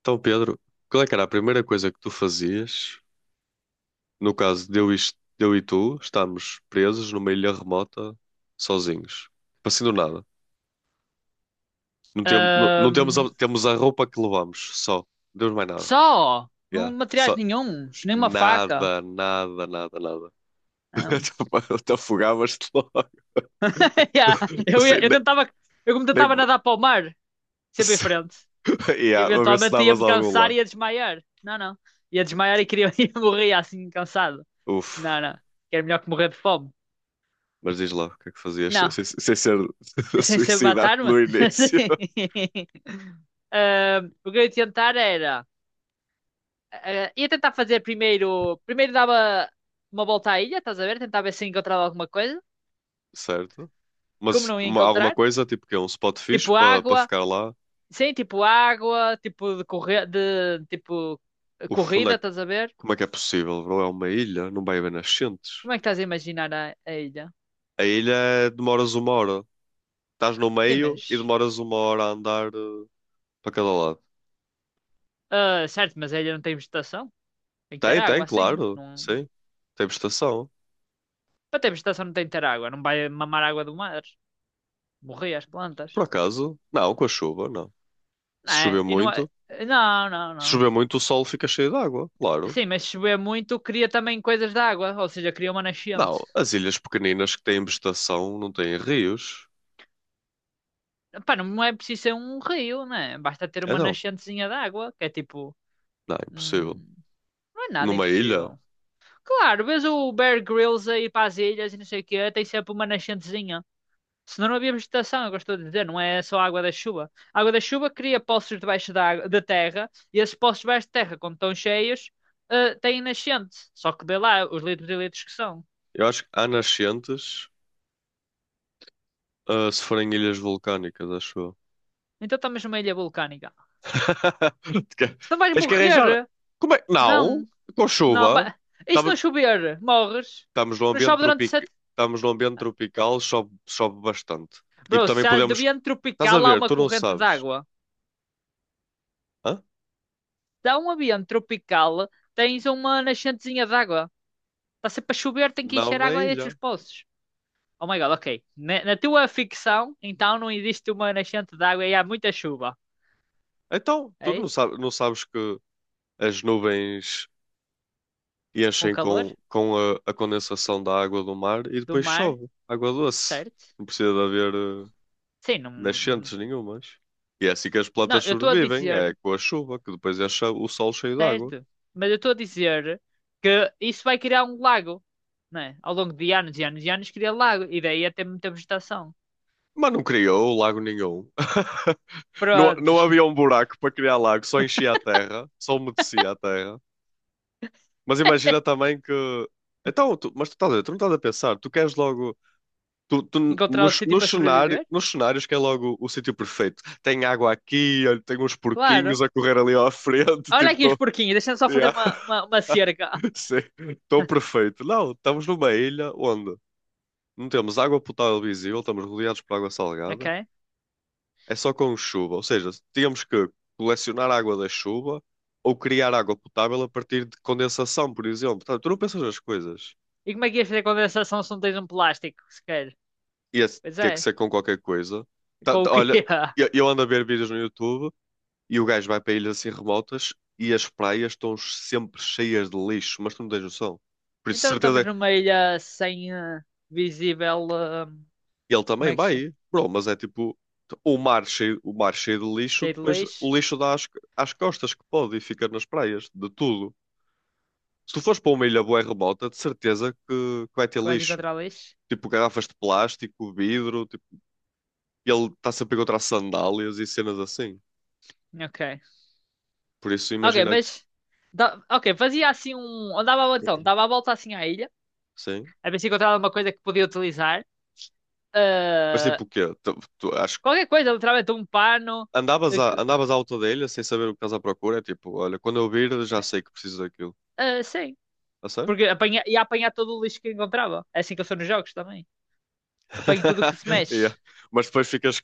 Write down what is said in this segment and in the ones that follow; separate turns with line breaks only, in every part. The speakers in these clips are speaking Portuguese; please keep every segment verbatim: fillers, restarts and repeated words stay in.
Então, Pedro, qual é que era a primeira coisa que tu fazias? No caso de eu e, est- de eu e tu estamos presos numa ilha remota, sozinhos. Assim do nada. Não, tem, não, não temos, a,
Ahm,
temos a roupa que levamos, só. Não temos mais nada.
Só, não
Yeah.
materiais
Só.
nenhuns, nenhuma faca.
Nada, nada, nada, nada.
Não.
Até afogavas-te logo.
Yeah, Eu,
Assim,
ia- eu
nem,
tentava, eu como
nem...
tentava nadar para o mar, sempre em frente, que
Yeah, a ver se
eventualmente ia
davas
me
a algum
cansar e
lado.
ia desmaiar. Não, não. Ia desmaiar e queria ia morrer assim, cansado.
Uf.
Não, não. Que era melhor que morrer de fome.
Mas diz lá, o que é que fazias sem,
Não,
sem sem ser
sem ser
suicidar
matar-me.
no início?
Ahm, o que eu ia tentar era. eh, Ia tentar fazer primeiro. Primeiro dava uma volta à ilha, estás a ver? Tentava ver se encontrava alguma coisa.
Certo?
Como
Mas
não ia
uma- alguma
encontrar.
coisa, tipo que é um spot fixe
Tipo
para para
água,
ficar lá.
sim, tipo água, tipo de, corre... de tipo
Uf, onde é
corrida,
que,
estás a ver?
como é que é possível, bro? É uma ilha, não vai haver nascentes.
Como é que estás a imaginar a, a ilha?
A ilha é- demoras uma hora. Estás no
Sim,
meio e
mas.
demoras uma hora a andar eh, para cada lado.
Ah, certo, mas a ilha não tem vegetação. Tem que ter
Tem, tem,
água, assim.
claro,
Não...
sim. Tem estação.
Para ter vegetação não tem que ter água. Não vai mamar água do mar. Morrer as
Por
plantas.
acaso? Não, com a chuva, não.
Não
Se chover
é? E não é...
muito,
Não, não,
se
não.
chover muito, o sol fica cheio de água, claro.
Sim, mas se chover muito, cria também coisas de água. Ou seja, cria uma nascente.
Não, as ilhas pequeninas que têm vegetação não têm rios.
Pá, não é preciso ser um rio, né? Basta ter uma
Então,
nascentezinha de água, que é tipo.
não, é impossível.
hum, Não é nada
Numa ilha?
impossível. Claro, vês o Bear Grylls aí para as ilhas e não sei o quê, tem sempre uma nascentezinha. Senão não havia vegetação, eu gosto de dizer, não é só a água da chuva. A água da chuva cria poços debaixo da, água- da terra e esses poços debaixo da terra, quando estão cheios, eh, têm nascente. Só que dê lá os litros e litros que são.
Eu acho que há nascentes, ah, se forem ilhas vulcânicas, acho eu.
Então estamos numa ilha vulcânica.
Porque
Então vais
tens que arranjar.
morrer?
Como é? Não,
Não,
com
não.
chuva.
Ba- e se
Estamos,
não chover? Morres?
estamos num
Não
ambiente
chove durante
tropical,
sete.
estamos num ambiente tropical, chove, chove bastante. E
Bro,
também
se há de
podemos.
vento
Estás a
tropical, há
ver,
uma
tu não
corrente
sabes.
d'água.
Hã?
Dá um ambiente tropical, tens uma nascentezinha de água. Está sempre a chover, tem que
Não
encher
na
água a estes
ilha.
poços. Oh my god, ok. Na, na tua ficção, então não existe uma nascente de água e há muita chuva.
Então, tu
É
não
isso?
sabes, não sabes que as nuvens
Com
enchem
calor
com, com a, a condensação da água do mar e
do
depois
mar,
chove. Água doce.
certo?
Não precisa de haver eh,
Sim,
nascentes
não.
nenhumas. E é assim que as
Não,
plantas
eu estou a
sobrevivem, é
dizer,
com a chuva, que depois enche o solo cheio de água.
certo? Mas eu estou a dizer que isso vai criar um lago, né? Ao longo de anos e anos e anos cria lago e daí até muita vegetação.
Mas não criou lago nenhum. Não,
Pronto.
não havia um buraco para criar lago, só enchia a terra, só umedecia a terra. Mas imagina também que. Então, tu- mas tu, estás a ver, tu não estás a pensar, tu queres logo. Tu, tu,
Encontrar o
nos,
sítio para
nos, cenário,
sobreviver?
nos cenários que é logo o sítio perfeito. Tem água aqui, olha, tem uns
Claro.
porquinhos a correr ali à frente,
Olha aqui os
tipo,
porquinhos, deixa-me só fazer
Yeah.
uma, uma, uma cerca.
Sim, estou perfeito. Não, estamos numa ilha onde não temos água potável visível, estamos rodeados por água salgada,
Ok?
é só com chuva. Ou seja, tínhamos que colecionar água da chuva ou criar água potável a partir de condensação, por exemplo. Portanto, tu não pensas nas coisas.
E como é que ias fazer condensação se não tens um plástico, sequer?
Ia
Pois
ter
é,
que ser com qualquer coisa. Tá-
com o
tá-
quê?
olha, eu, eu ando a ver vídeos no YouTube e o gajo vai para ilhas assim remotas e as praias estão sempre cheias de lixo, mas tu não tens noção. Por isso,
Então não estamos
certeza.
numa ilha sem eh, visível. Eh,
E ele
como
também
é que se chama?
vai, bro, mas é tipo o mar cheio, o mar cheio de lixo,
Cheio de
depois
lixo?
o lixo dá às, às costas que pode e fica nas praias, de tudo. Se tu fores para uma ilha bué remota, de certeza que, que vai ter
Que vais
lixo.
encontrar lixo?
Tipo garrafas de plástico, vidro, tipo, e ele está sempre a encontrar sandálias e cenas assim.
Ok.
Por isso
Ok,
imagina,
mas. Da- ok, fazia assim um. Andava então, dava a volta assim à ilha,
sim.
a ver se encontrava alguma coisa que podia utilizar.
Mas
Eh,
tipo o quê? Tu, tu- acho que
Qualquer coisa, literalmente um pano.
andavas
eh,
à,
que-
andavas à alta da ilha sem saber o que estás à procura, é tipo, olha, quando eu vir já sei que preciso daquilo.
eh, sim.
A sério?
Porque apanha, ia apanhar todo o lixo que encontrava. É assim que eu sou nos jogos também. Apanho tudo o que se
Yeah.
mexe,
Mas depois ficas,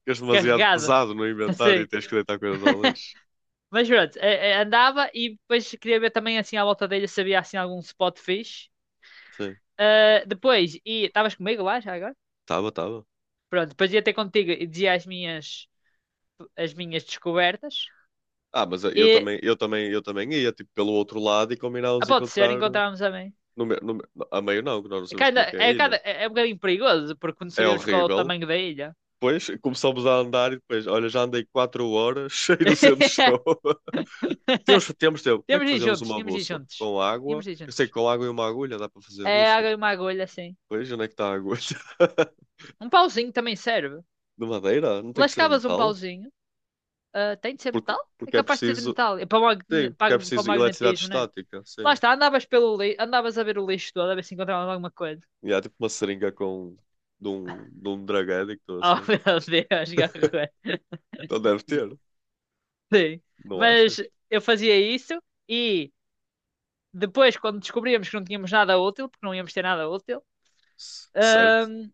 ficas demasiado
carregado,
pesado no inventário e
assim.
tens que deitar coisas ao lixo.
Mas pronto, eh, eh, andava e depois queria ver também assim à volta dele se havia assim algum spot fixe.
Sim,
Ah, depois, e estavas comigo lá já agora?
tava, tava.
Pronto, depois ia ter contigo e dizia as minhas, as minhas descobertas.
Ah, mas eu
E
também, eu também, eu também ia tipo pelo outro lado e
ah,
combinávamos
pode ser,
encontrar
encontrávamos também.
no, me- no, me- a meio não, que nós não
É, que
sabemos como é
ainda-
que é a
é, cada
ilha.
é é um bocadinho perigoso, porque não
É
sabíamos qual é o
horrível.
tamanho da ilha.
Depois começamos a andar e depois, olha, já andei quatro horas, cheio não sei onde estou. Temos, temos tempo. Como é
Tínhamos
que
de ir
fazemos
juntos,
uma
tínhamos de ir
bússola?
juntos.
Com água?
Tínhamos de ir
Eu sei que
juntos.
com água e uma agulha dá para fazer a
É
bússola.
água e uma agulha, assim.
Pois, onde é que está a agulha?
Um pauzinho também serve.
De madeira? Não tem que ser de
Lascavas um
metal?
pauzinho. Ah, tem de ser
Porque,
metal? É
porque é
capaz de ser de
preciso.
metal. É para o,
Sim,
magne-
porque é
para, o para o
preciso eletricidade
magnetismo, né?
estática,
Lá
sim.
está, andavas pelo lixo, andavas a ver o lixo todo, a ver se encontravas alguma coisa.
E há tipo uma seringa com de um, de um drug addict ou
Oh
assim.
meu Deus, garra.
Então deve ter,
Sim.
não
Mas
achas?
eu fazia isso e depois, quando descobríamos que não tínhamos nada útil, porque não íamos ter nada útil,
C- Certo?
ahm,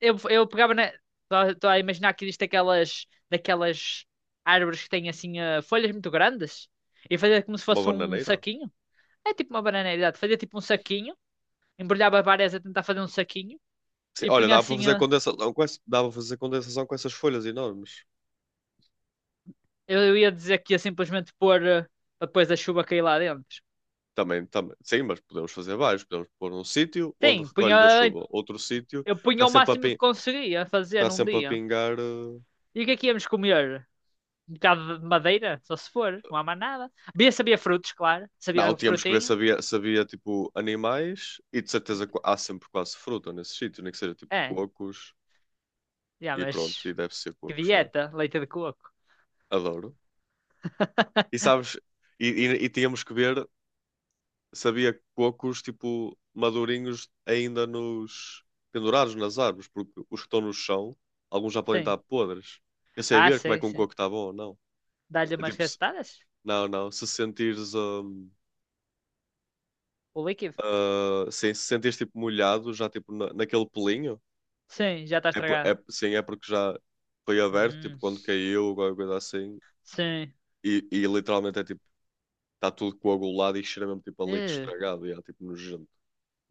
eu, eu pegava na. Estou a imaginar que existe aquelas, daquelas árvores que têm assim ah, folhas muito grandes e fazia como se
Uma
fosse um
bananeira.
saquinho. É tipo uma bananeira, exato. Fazia tipo um saquinho, embrulhava várias a tentar fazer um saquinho
Sim,
e
olha,
punha
dá para
assim.
fazer
eh,
condensação com essa, dá para fazer condensação com essas folhas enormes.
Eu eu ia dizer que ia simplesmente pôr eh, para depois da chuva cair lá dentro.
Também, também. Sim, mas podemos fazer vários. Podemos pôr um sítio onde
Sim,
recolhe da
punha,
chuva, outro sítio
eu punha
está
o
sempre a
máximo que
pin-
conseguia fazer
está
num
sempre a
dia.
pingar. Eh,
E o que é que íamos comer? Um bocado de madeira, só se for, não há mais nada. Bia sabia frutos, claro,
Não,
sabia
tínhamos que ver se
frutinho.
havia, se havia, tipo animais e de certeza qu- há sempre quase fruta nesse sítio, nem que seja tipo
É,
cocos
já,
e pronto,
mas
e deve ser
que
cocos, né?
dieta, leite de coco.
Adoro. E sabes, e, e, e tínhamos que ver se havia cocos tipo madurinhos ainda nos pendurados nas árvores, porque os que estão no chão, alguns já podem estar
Sim,
podres. Eu sei
ah,
ver como é
sim,
que um
sim.
coco está bom ou não.
Dá-lhe
É
umas
tipo, se-
gastadas?
não, não, se sentires, hum,
O líquido?
ah, sim, se sentires tipo molhado já tipo na- naquele pelinho.
Sim, já está
É, por-
estragado.
é, sim, é porque já foi aberto, tipo,
Hum.
quando caiu, alguma coisa assim.
Sim.
E, e literalmente é tipo, está tudo coagulado e cheira mesmo tipo a leite
Eh,
estragado e é tipo nojento.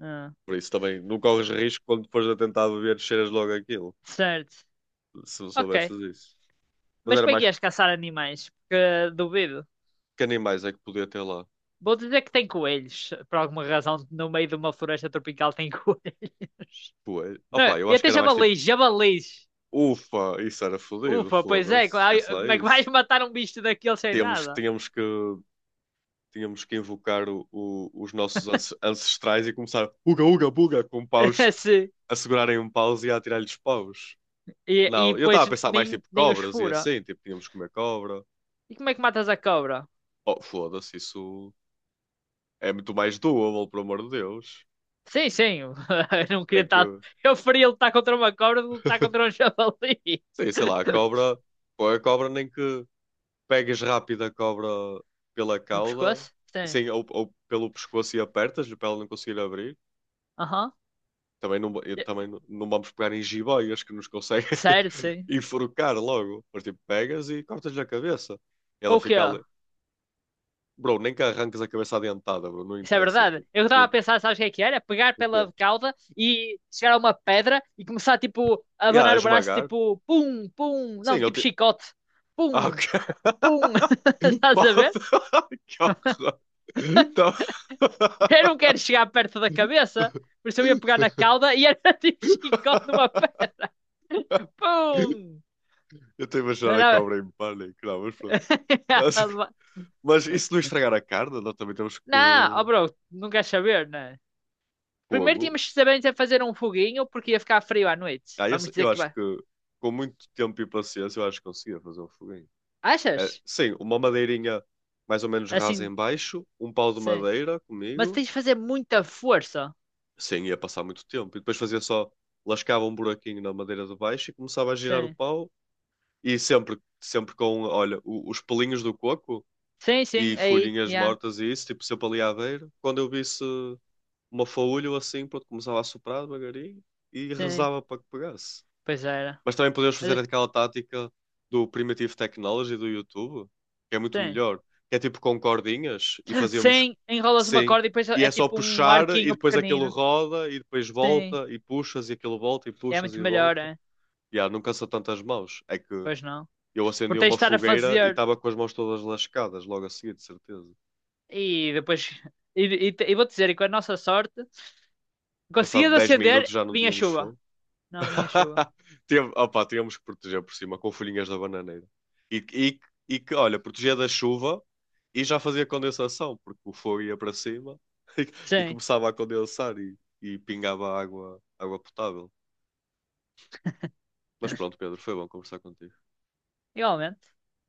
ah,
Por isso também não corres risco quando depois a tentar beber, cheiras logo aquilo,
Certo.
se
Ok.
soubesses isso. Mas
Mas
era
como é que
mais
ias caçar animais? Porque eh, duvido.
que animais é que podia ter lá.
Vou dizer que tem coelhos. Por alguma razão, no meio de uma floresta tropical tem coelhos.
Coelho.
Não,
Opa, eu
e
acho que
até
era mais tipo,
javalis, javalis.
ufa, isso era fodido,
Ufa, pois é. Co-
foda-se,
ai,
esquece lá
como é que vais
isso.
matar um bicho daquele sem
Tínhamos,
nada?
tínhamos que tínhamos que invocar o- o- os nossos ance- ancestrais e começar uga, uga, buga, com paus,
Sim.
a segurarem um paus e a atirar-lhes paus.
E, e
Não, eu
depois
estava a pensar mais
nem,
tipo
nem os
cobras e
fura.
assim, tipo, tínhamos que comer cobra.
E como é que matas a cobra?
Oh, foda-se, isso é muito mais doable, pelo amor de Deus.
Sim, sim. Eu não queria
Nem que,
estar. Eu preferia lutar contra uma cobra do que lutar contra um javali.
sim, sei lá, a cobra, põe a cobra, nem que pegues rápido a cobra pela
No
cauda,
pescoço?
e
Sim.
sim, ou, ou pelo pescoço e apertas-lhe para ela não conseguir abrir.
Aham.
Também não, eu também não, não vamos pegar em jiboias que nos conseguem
Sério, sim.
enforcar logo. Mas tipo, pegas e cortas-lhe a cabeça. E
Com
ela
o quê?
fica ali. Bro, nem que arranques a cabeça adiantada, bro. Não
Isso é
interessa.
verdade.
Tipo,
Eu estava a
tu,
pensar, sabes o que é que era? Pegar
o quê?
pela cauda e chegar a uma pedra e começar, tipo, a
E a
abanar o braço,
esmagar?
tipo, pum, pum.
Sim,
Não,
eu
tipo
te.
chicote.
Ah,
Pum,
ok.
pum. Estás a ver?
Pode. Que horror. Tá-
Eu não quero chegar perto da cabeça, por isso eu ia pegar na cauda e era tipo chicote numa pedra. Pum!
Eu estou a imaginar a
Era-
cobra em pânico. Não, mas pronto. Mas isso não estragar a carne, nós também temos que.
não, oh bro, não queres saber, né? Primeiro
Fogo.
tínhamos que saber fazer um foguinho porque ia ficar frio à noite.
Ah, eu,
Vamos dizer
eu
que
acho
vai.
que com muito tempo e paciência eu acho que conseguia fazer um foguinho. É,
Achas?
sim, uma madeirinha mais ou menos rasa em
Assim,
baixo, um pau de
sim.
madeira
Mas
comigo.
tens de fazer muita força.
Sim, ia passar muito tempo. E depois fazia só, lascava um buraquinho na madeira de baixo e começava a girar o
Sim.
pau. E sempre, sempre com, olha, o- os pelinhos do coco
Sim, sim.
e
Aí,
folhinhas
yeah.
mortas e isso, tipo sempre ali à beira. Quando eu visse uma faúlha ou assim, pronto, começava a soprar devagarinho e
Sim.
rezava para que pegasse.
Pois era.
Mas também podemos fazer
Mas,
aquela tática do Primitive Technology do YouTube, que é muito
sim.
melhor. Que é tipo com cordinhas e fazemos
Sim, enrolas uma
sim.
corda e depois é
E é
é
só
tipo um
puxar e
arquinho
depois aquilo
pequenino.
roda e depois
Sim.
volta e puxas e aquilo volta e
É
puxas
muito
e
melhor,
volta.
é?
e ah não cansa tanto as mãos. É que
Pois não.
eu acendi
Porque tens de
uma
estar a
fogueira e
fazer
estava com as mãos todas lascadas logo a seguir, de certeza.
e depois. E, e, e vou-te dizer, e com a nossa sorte,
Passado
conseguias
dez minutos
acender,
já não
vinha
tínhamos
chuva.
fogo.
Não, vinha chuva.
Tem- opá, tínhamos que proteger por cima com folhinhas da bananeira. E, e, e que, olha, protegia da chuva e já fazia condensação, porque o fogo ia para cima e, e
Sim,
começava a condensar e, e pingava água, água potável. Mas pronto, Pedro, foi bom conversar contigo.
igualmente.